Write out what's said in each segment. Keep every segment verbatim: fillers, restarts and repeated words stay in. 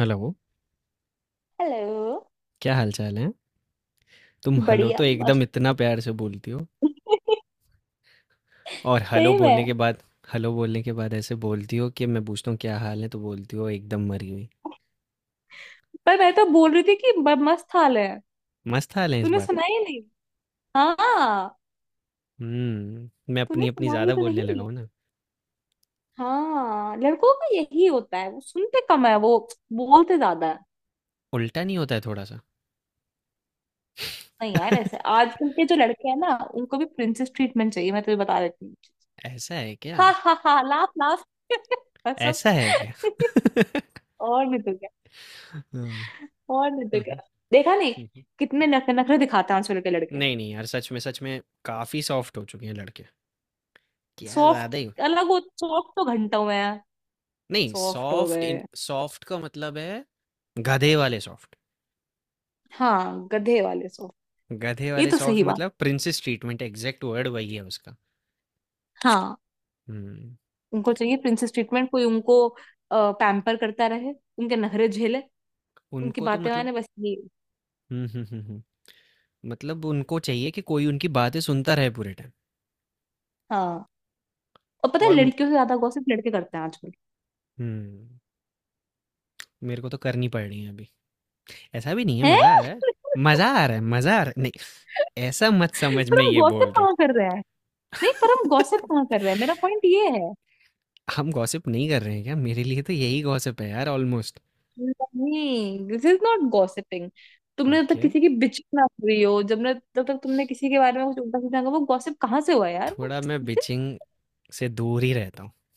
Hello, hello. क्या हालचाल है? तुम हेलो बढ़िया तो एकदम मस्त। इतना प्यार से बोलती हो और हेलो सही बोलने के में। बाद हेलो बोलने के बाद ऐसे बोलती हो कि मैं पूछता हूँ क्या हाल है तो बोलती हो एकदम मरी हुई। पर मैं तो बोल रही थी कि ब- मस्त हाल है। मस्त हाल है इस तूने बार। सुना ही नहीं। हाँ, हम्म, मैं तूने अपनी अपनी सुना ही ज्यादा तो बोलने नहीं। लगा हूँ ना। हाँ, लड़कों का यही होता है, वो सुनते कम है, वो बोलते ज्यादा है। उल्टा नहीं होता है थोड़ा सा? नहीं यार, ऐसे आजकल के जो लड़के हैं ना, उनको भी प्रिंसेस ट्रीटमेंट चाहिए, मैं तुझे बता देती हूँ। ऐसा है क्या? हाँ हाँ हाँ, लाफ लाफ। सब। ऐसा है क्या? और नहीं तो क्या। हाँ, हाँ, और नहीं तो हाँ, क्या। देखा नहीं। हाँ। कितने नखरे नखरे दिखाते हैं आजकल के लड़के। नहीं नहीं यार, सच में सच में काफी सॉफ्ट हो चुके हैं लड़के। क्या ज्यादा सॉफ्ट। ही। अलग, वो सॉफ्ट तो घंटों में है। नहीं, सॉफ्ट हो सॉफ्ट गए। इन सॉफ्ट का मतलब है गधे वाले सॉफ्ट। हाँ, गधे वाले सॉफ्ट। गधे ये वाले तो सॉफ्ट सही बात। मतलब प्रिंसेस ट्रीटमेंट, एग्जैक्ट वर्ड वही है उसका। हाँ। हम्म। उनको चाहिए प्रिंसेस ट्रीटमेंट, कोई उनको पैम्पर करता रहे, उनके नखरे झेले, उनकी उनको तो बातें मतलब। माने, बस ये। हम्म, हम्म, हम्म, हम्म, मतलब उनको चाहिए कि कोई उनकी बातें सुनता रहे पूरे टाइम। हाँ। और पता है, और म- लड़कियों से ज्यादा गॉसिप लड़के करते हैं आजकल। हम्म। मेरे को तो करनी पड़ रही है अभी। ऐसा भी नहीं है। हैं। मज़ा आ रहा है मज़ा आ रहा है मज़ा आ रहा है नहीं, ऐसा मत समझ, पर मैं हम ये गॉसिप बोल रहा कहाँ कर रहे हैं। नहीं, पर हम गॉसिप कहाँ कर रहे हैं, मेरा पॉइंट ये है। हूँ। हम गॉसिप नहीं कर रहे हैं क्या? मेरे लिए तो यही गॉसिप है यार, ऑलमोस्ट। नहीं, दिस इज नॉट गॉसिपिंग। तुमने जब तक ओके, किसी की बिचिंग ना करी हो, जब ने जब तक तुमने किसी के बारे में कुछ उल्टा सीधा कहा, वो गॉसिप कहाँ से हुआ यार। थोड़ा मैं बिचिंग से दूर ही रहता हूँ।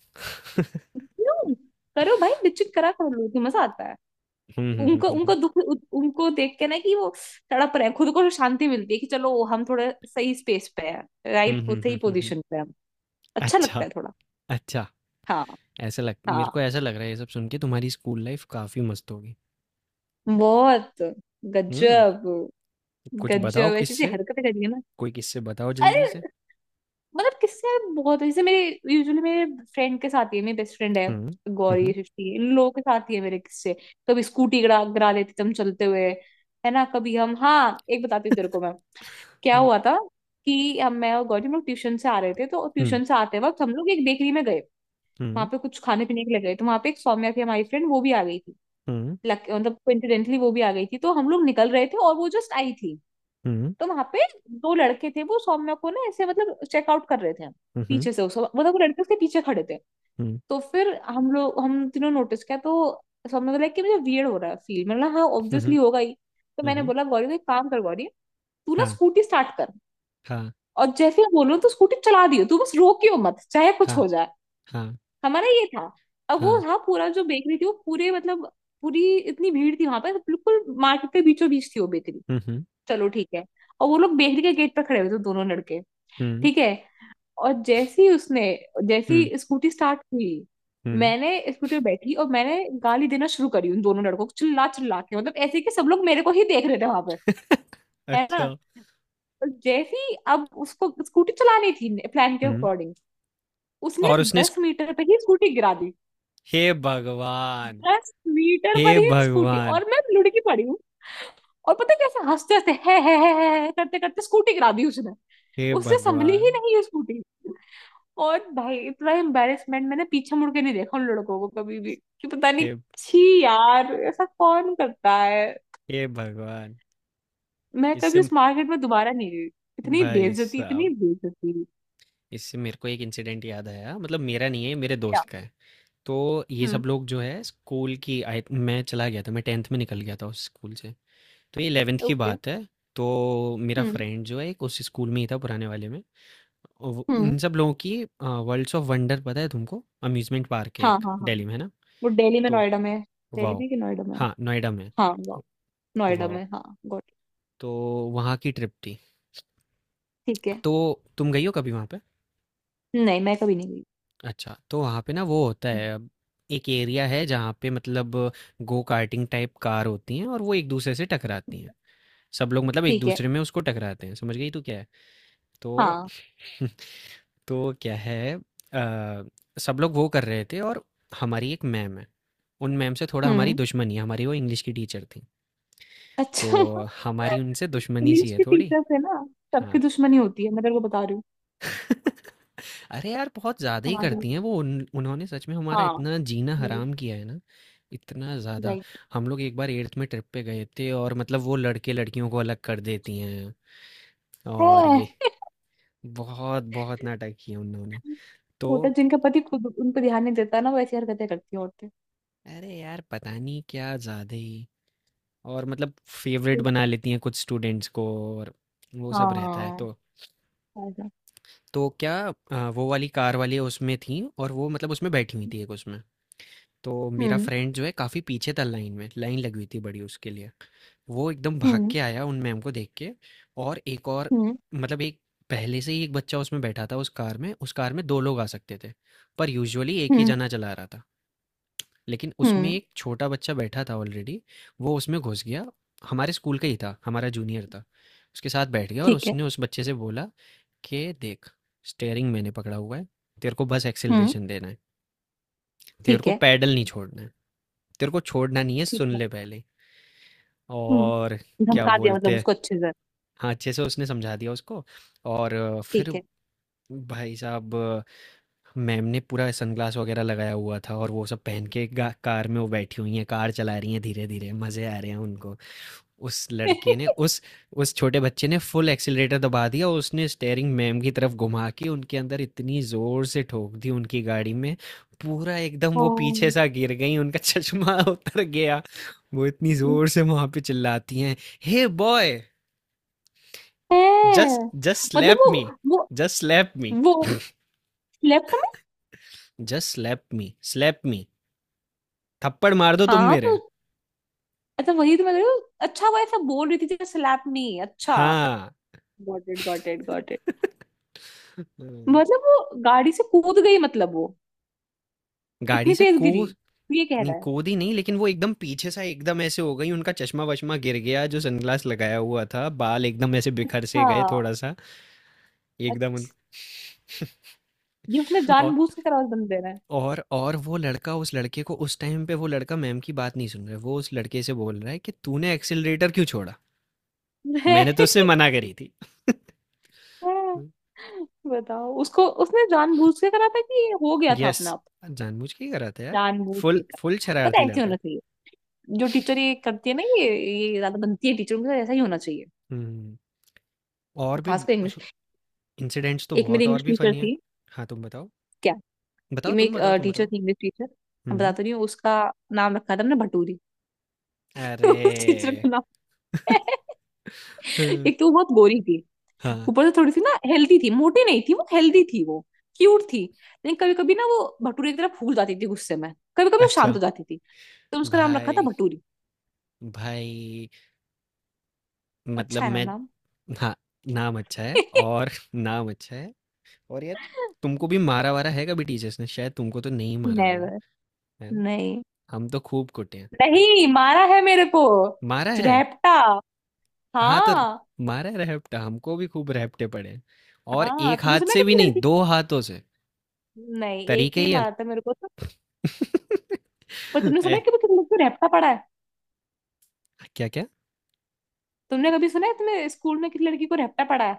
क्यों? करो भाई, बिचिक करा कर लो तो मजा आता है। हम्म, हम्म, उनको हम्म, उनको हम्म, दुख उ- उनको देख के ना कि वो तड़प रहे हैं, खुद को शांति मिलती है कि चलो हम थोड़े सही स्पेस पे है। राइट, हम्म, हम्म, हम्म, सही हम्म, हम्म। पोजीशन पे हैं हम। अच्छा लगता अच्छा, है थोड़ा। अच्छा, हाँ। ऐसा लग, मेरे को हाँ, ऐसा लग रहा है ये सब सुन के तुम्हारी स्कूल लाइफ काफी मस्त होगी। बहुत। हम्म। गजब। कुछ बताओ गजब ऐसी ऐसी किससे। हरकतें करिए ना। कोई किससे बताओ जल्दी से। अरे। मतलब किससे? बहुत, जैसे मेरे, यूजुअली मेरे फ्रेंड के साथ ही है, मेरी बेस्ट फ्रेंड है। हम्म, गौरी, हम्म, सृष्टि, इन लोगों के साथ ही है मेरे किस्से। कभी स्कूटी गिरा गिरा लेते थे हम चलते हुए। है ना? कभी हम, हाँ, एक बताती हूँ तेरे को मैं। क्या हुआ था कि हम, मैं और गौरी, हम लोग ट्यूशन से आ रहे थे, तो हम्म, ट्यूशन से आते वक्त हम लोग एक बेकरी में गए। वहां हम्म, पे कुछ खाने पीने के लिए गए, तो वहां पे एक सौम्या थी, हमारी फ्रेंड, वो भी आ गई थी। हम्म, लक मतलब कोइंसिडेंटली वो भी आ गई थी, तो हम लोग निकल रहे थे और वो जस्ट आई थी। हम्म, तो वहां पे दो लड़के थे, वो सौम्या को ना ऐसे मतलब चेकआउट कर रहे थे। हम्म, पीछे से उस मतलब वो लड़के उसके पीछे खड़े थे। हम्म, तो फिर हम लोग हम तीनों नोटिस किया, तो सौम्या को लगा कि मुझे वियर्ड हो रहा है फील, मैंने बोला हाँ हम्म, ऑब्वियसली हम्म, होगा ही। तो मैंने हम्म। बोला गौरी, तू एक काम कर गौरी, तू ना हाँ, स्कूटी स्टार्ट कर। हाँ, और जैसे मैं बोलूं तो स्कूटी चला दियो तू, बस रोकियो मत चाहे कुछ हाँ, हो जाए। हाँ, हमारा ये था। अब वो हाँ। था पूरा, जो बेकरी थी वो पूरे मतलब पूरी इतनी भीड़ थी वहां पर, बिल्कुल मार्केट के बीचों बीच थी वो बेकरी। हम्म, चलो ठीक है। और वो लोग बेकरी के गेट पर खड़े हुए थे दोनों लड़के। हम्म, ठीक है। और जैसे ही उसने जैसे हम्म, ही स्कूटी स्टार्ट हुई, हम्म। मैंने स्कूटी पे बैठी और मैंने गाली देना शुरू करी उन दोनों लड़कों को चिल्ला चिल्ला के, मतलब ऐसे कि सब लोग मेरे को ही देख रहे थे वहां पे, है ना। अच्छा। और जैसे ही अब उसको स्कूटी चलानी थी प्लान के हम्म। अकॉर्डिंग, उसने और उसने दस स्क- मीटर पर ही स्कूटी गिरा दी। हे भगवान। दस मीटर हे पर ही स्कूटी, भगवान। और मैं लुढ़की पड़ी हूँ। और पता है कैसे, हंसते हंसते है, है, है, है, है करते करते स्कूटी गिरा दी उसने। हे उससे संभली ही भगवान। नहीं ये स्कूटी। और भाई इतना एम्बैरेसमेंट, मैंने पीछे मुड़ के नहीं देखा उन लड़कों को कभी भी, कि पता नहीं। हे, छी यार, ऐसा कौन करता है। हे भगवान। मैं इससे, कभी उस मार्केट में दोबारा नहीं गई। इतनी भाई बेइज्जती, इतनी साहब, बेइज्जती। इससे मेरे को एक इंसिडेंट याद आया, मतलब मेरा नहीं है, मेरे क्या। दोस्त का है। तो ये हम्म। सब लोग जो है स्कूल की आई, मैं चला गया था, मैं टेंथ में निकल गया था उस स्कूल से। तो ये इलेवेंथ की ओके। बात है। तो मेरा हम्म। फ्रेंड जो है एक, उस स्कूल में ही था पुराने वाले में। और वो- हम्म। उन सब लोगों की वर्ल्ड्स ऑफ वंडर, पता है तुमको? अम्यूजमेंट पार्क है हाँ एक, हाँ हाँ। दिल्ली में है ना? वो दिल्ली में तो नोएडा में है। दिल्ली वाओ, में कि नोएडा में है? हाँ, नोएडा में। हाँ, वो नोएडा वाओ। में। हाँ। Got it. तो वहाँ की ट्रिप थी। ठीक है। तो तुम गई हो कभी वहाँ पे? नहीं मैं कभी नहीं गई। अच्छा, तो वहाँ पे ना वो होता हम्म। है अब, एक एरिया है जहाँ पे मतलब गो कार्टिंग टाइप कार होती हैं और वो एक दूसरे से टकराती हैं। सब लोग मतलब एक ठीक है। दूसरे में उसको टकराते हैं, समझ गई तू क्या है? तो हाँ। तो क्या है, अ, सब लोग वो कर रहे थे और हमारी एक मैम है। उन मैम से थोड़ा हमारी हम्म। दुश्मनी है, हमारी वो इंग्लिश की टीचर थीं। तो अच्छा। हमारी उनसे दुश्मनी सी इंग्लिश है के थोड़ी। टीचर से ना सबकी हाँ। दुश्मनी होती है, मैं तेरे को बता रही हूँ। अरे यार बहुत ज़्यादा ही हमारी। करती हैं वो उन, उन्होंने सच में हमारा हाँ। इतना जीना राइट। हराम किया है ना, इतना ज़्यादा। राइट। हम लोग एक बार एट्थ में ट्रिप पे गए थे और मतलब वो लड़के लड़कियों को अलग कर देती हैं, और ये है। बहुत बहुत नाटक किए उन्होंने। तो होता है, जिनका पति खुद उन पर ध्यान नहीं देता ना, वो ऐसी हरकतें करती हैं औरतें। अरे यार पता नहीं, क्या ज़्यादा ही। और मतलब फेवरेट बना लेती हैं कुछ स्टूडेंट्स को, और वो सब रहता है। हाँ। तो ऐसा। तो क्या, आ, वो वाली कार वाली उसमें थी और वो मतलब उसमें बैठी हुई थी एक उसमें। तो मेरा हम्म फ्रेंड जो है काफ़ी पीछे था लाइन में, लाइन लगी हुई थी बड़ी उसके लिए। वो एकदम भाग हम्म के आया उन मैम को देख के, और एक और हम्म मतलब एक, पहले से ही एक बच्चा उसमें बैठा था उस कार में, उस कार में दो लोग आ सकते थे, पर यूजुअली एक ही हम्म जना चला रहा था। लेकिन उसमें हम्म। एक छोटा बच्चा बैठा था ऑलरेडी, वो उसमें घुस गया। हमारे स्कूल का ही था, हमारा जूनियर था। उसके साथ बैठ गया और ठीक है। उसने उस बच्चे से बोला कि देख, स्टीयरिंग मैंने पकड़ा हुआ है, तेरे को बस हम्म। एक्सेलरेशन देना है, तेरे ठीक को है। पैडल नहीं छोड़ना है। तेरे को छोड़ना नहीं है, ठीक सुन है। ले पहले। और हम्म। क्या धमका दिया मतलब बोलते हैं, उसको अच्छे से। हाँ, अच्छे से उसने समझा दिया उसको। और अ, फिर ठीक है। भाई साहब, अ, मैम ने पूरा सनग्लास वगैरह लगाया हुआ था और वो सब पहन के गा- कार में वो बैठी हुई हैं, कार चला रही हैं धीरे धीरे, मज़े आ रहे हैं उनको। उस लड़के ने उस उस छोटे बच्चे ने फुल एक्सीलरेटर दबा दिया और उसने स्टेयरिंग मैम की तरफ घुमा के उनके अंदर इतनी जोर से ठोक दी उनकी गाड़ी में। पूरा एकदम वो पीछे हाँ। सा गिर गई, उनका चश्मा उतर गया। वो इतनी जोर से वहां पे चिल्लाती हैं, हे बॉय, है। जस्ट, जस्ट मतलब स्लैप वो मी वो जस्ट स्लैप मी वो slapped me. Just slap me, slap me, थप्पड़ मार दो तुम हाँ मेरे। तो, अच्छा वही तो मैं कह रही हूँ। अच्छा, वो ऐसा बोल रही थी जैसे स्लैप नहीं। अच्छा। हाँ। Got it, got it, got it. मतलब वो गाड़ी से कूद गई मतलब वो गाड़ी इतनी से तेज को, गिरी, तो ये कह नहीं रहा है। कूदी नहीं, लेकिन वो एकदम पीछे सा एकदम ऐसे हो गई, उनका चश्मा वश्मा गिर गया जो सनग्लास लगाया हुआ था, बाल एकदम ऐसे बिखर से गए हाँ। थोड़ा सा। एकदम उन... अच्छा, ये उसने और जानबूझ के करारा बंद दे रहा और और वो लड़का, उस लड़के को, उस टाइम पे वो लड़का मैम की बात नहीं सुन रहा है, वो उस लड़के से बोल रहा है कि तूने एक्सिलरेटर क्यों छोड़ा, है। मैंने तो उससे मना करी थी। बताओ, उसको उसने जानबूझ के करा था कि ये हो गया था यस, अपना आप। जानबूझ के ही करा था यार, जानबूझ के फुल करा। फुल पता शरारती है, ऐसे लड़का। होना चाहिए। जो टीचर ये करती है ना, ये ये ज्यादा बनती है टीचर, उनके साथ ऐसा ही होना चाहिए। हम्म। और भी खासकर इंग्लिश। इंसिडेंट्स तो एक मेरी बहुत और इंग्लिश भी टीचर फनी है। थी। हाँ तुम बताओ, क्या? कि बताओ मैं, तुम एक बताओ मेरी तुम टीचर बताओ थी इंग्लिश टीचर, मैं हम्म। बताती रही हूँ उसका। नाम रखा था हमने भटूरी। उस टीचर अरे! का नाम। एक तो वो बहुत गोरी थी, हाँ, ऊपर से थोड़ी सी ना हेल्दी थी, मोटी नहीं थी वो, हेल्दी थी वो, क्यूट थी। लेकिन कभी कभी ना वो भटूरे की तरह फूल जाती थी गुस्से में, कभी कभी वो शांत अच्छा। हो जाती थी। तो उसका नाम रखा था भाई, भटूरी। भाई, मतलब अच्छा है ना मैं, नाम। हाँ, नाम अच्छा है और नाम अच्छा है। और यार, तुमको भी मारा-वारा है कभी टीचर्स ने? शायद तुमको तो नहीं मारा होगा, नेवर। है ना? नहीं। हम तो खूब कुटे हैं। नहीं मारा है मेरे को मारा है? रैप्टा। हाँ, तो हाँ। मारा है रैपटा, हमको भी खूब रैपटे पड़े हैं, और हाँ, एक तुमने हाथ सुना है से भी कभी नहीं, लड़की। दो हाथों से। नहीं, एक तरीके ही ही अल मारा था मेरे को तो। पर तुमने सुना है ए, कभी किसी लड़की को रैप्टा पड़ा है? क्या-क्या? तुमने कभी सुना है तुम्हें स्कूल में किसी लड़की को रैप्टा पड़ा है?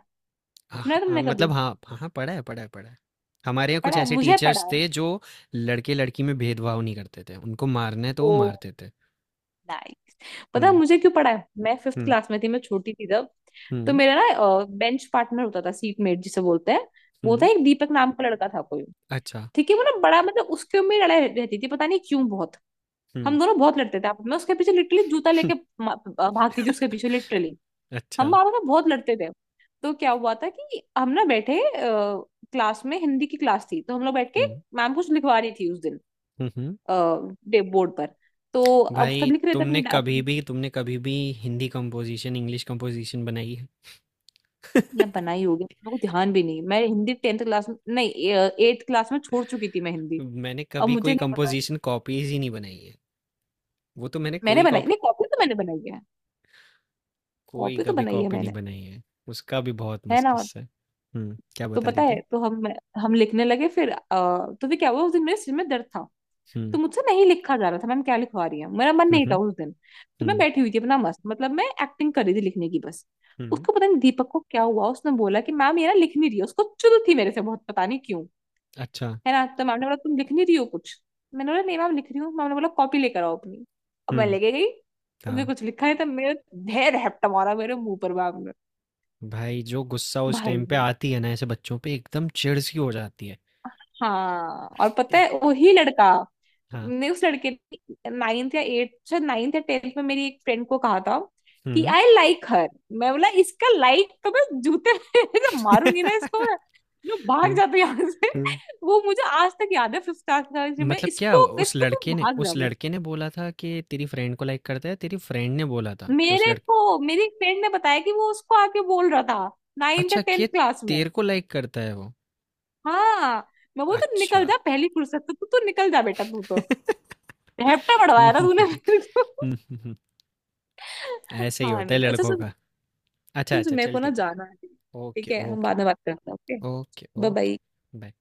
आह, सुना है अ, तुमने कभी? मतलब हाँ, हाँ, हाँ, पढ़ा है, पढ़ा है, पढ़ा है। हमारे यहाँ कुछ पढ़ा है ऐसे मुझे, टीचर्स पढ़ा है। थे जो लड़के-लड़की में भेदभाव नहीं करते थे। उनको मारना है तो वो ओ, मारते थे। नाइस। पता है हुँ, मुझे क्यों पढ़ा है? मैं फिफ्थ हुँ, क्लास में थी, मैं छोटी थी तब। तो हुँ, मेरा ना बेंच पार्टनर होता था, सीट मेट जिसे बोलते हैं। वो था हुँ, एक दीपक नाम का लड़का था कोई। अच्छा, ठीक है, वो ना बड़ा मतलब उसके में लड़ाई रहती थी पता नहीं क्यों बहुत। हुँ, हम दोनों बहुत लड़ते थे आपस में, उसके पीछे लिटरली जूता लेके मा- भागती थी उसके पीछे लिटरली। अच्छा, हम आपस में बहुत लड़ते थे। तो क्या हुआ था कि हम ना बैठे, क्लास में हिंदी की क्लास थी, तो हम लोग बैठ के, हुँ, मैम कुछ लिखवा रही थी उस दिन हुँ, हुँ। डे बोर्ड पर। तो अब सब भाई लिख रहे थे तुमने अपने कभी अपने-। भी तुमने कभी भी हिंदी कंपोज़िशन, इंग्लिश कंपोज़िशन बनाई है? यहाँ बनाई होगी, मेरे को ध्यान भी नहीं। मैं हिंदी टेंथ क्लास में नहीं, एट्थ क्लास में छोड़ चुकी थी मैं हिंदी। मैंने अब कभी मुझे कोई नहीं पता। कंपोज़िशन कॉपीज़ ही नहीं बनाई है। वो तो मैंने मैंने कोई बनाई नहीं कॉपी, कॉपी, तो मैंने बनाई है। कोई कॉपी तो कभी बनाई है कॉपी नहीं मैंने, बनाई है। उसका भी बहुत है मस्त ना। किस्सा है। हुँ, क्या तो बता पता रही है थी? तो, हम हम लिखने लगे फिर अ, तो भी क्या हुआ उस दिन मेरे सिर में दर्द था। तो हुँ, मुझसे नहीं लिखा जा रहा था मैम क्या लिखवा रही है, मेरा मन हुँ, नहीं था हुँ, उस दिन, तो मैं हुँ। बैठी हुई थी अपना मस्त, मतलब मैं एक्टिंग कर रही थी लिखने की बस। हुँ। उसको पता नहीं दीपक को क्या हुआ, उसने बोला कि मैम ये ना लिख नहीं रही है। उसको चुल थी मेरे से बहुत, पता नहीं क्यों, अच्छा। है ना। तो मैम ने बोला तुम लिख नहीं रही हो कुछ। मैंने बोला नहीं मैम लिख रही हूँ, मैम ने बोला कॉपी लेकर आओ अपनी। अब मैं हुँ। लेके गई। तुमने हाँ, कुछ लिखा है? तो मेरा ढेर हैप्टा मारा मेरे मुंह पर मैम ने। भाई जो गुस्सा उस टाइम भाई। पे आती है ना ऐसे बच्चों पे एकदम चिढ़-सी हो जाती है। हाँ, और पता एक, है वही लड़का हाँ। ने उस लड़के ने नाइन्थ या एट शायद नाइन्थ या टेंथ में मेरी एक फ्रेंड को कहा था कि हुँ। आई लाइक हर। मैं बोला इसका लाइक तो मैं जूते में जब मारूंगी ना इसको मैं, जो भाग हुँ, जाते यहाँ से। हुँ। वो मुझे आज तक याद है फिफ्थ क्लास में, मतलब क्या, इसको उस इसको तू लड़के ने भाग जा उस बस। लड़के ने बोला था कि तेरी फ्रेंड को लाइक करता है, तेरी फ्रेंड ने बोला था कि उस मेरे लड़के, को मेरी फ्रेंड ने बताया कि वो उसको आके बोल रहा था नाइन्थ या अच्छा, कि टेंथ क्लास में। तेरे को लाइक करता है वो? हाँ, मैं बोल तो अच्छा। निकल जा पहली फुर्सत, तो तू तू निकल जा बेटा, तू तो हेप्टा हुँ, पढ़वाया था हुँ, हुँ, तूने हुँ। मेरे को। हुँ, हुँ, हुँ। ऐसे ही हाँ होता है अनुराग, अच्छा लड़कों सुन, का। अच्छा, सुन सुन अच्छा मेरे को चल ना ठीक है। जाना है, ठीक ओके, है? हम ओके, बाद में बात करते हैं, okay? Okay, bye okay. Bye. Bye.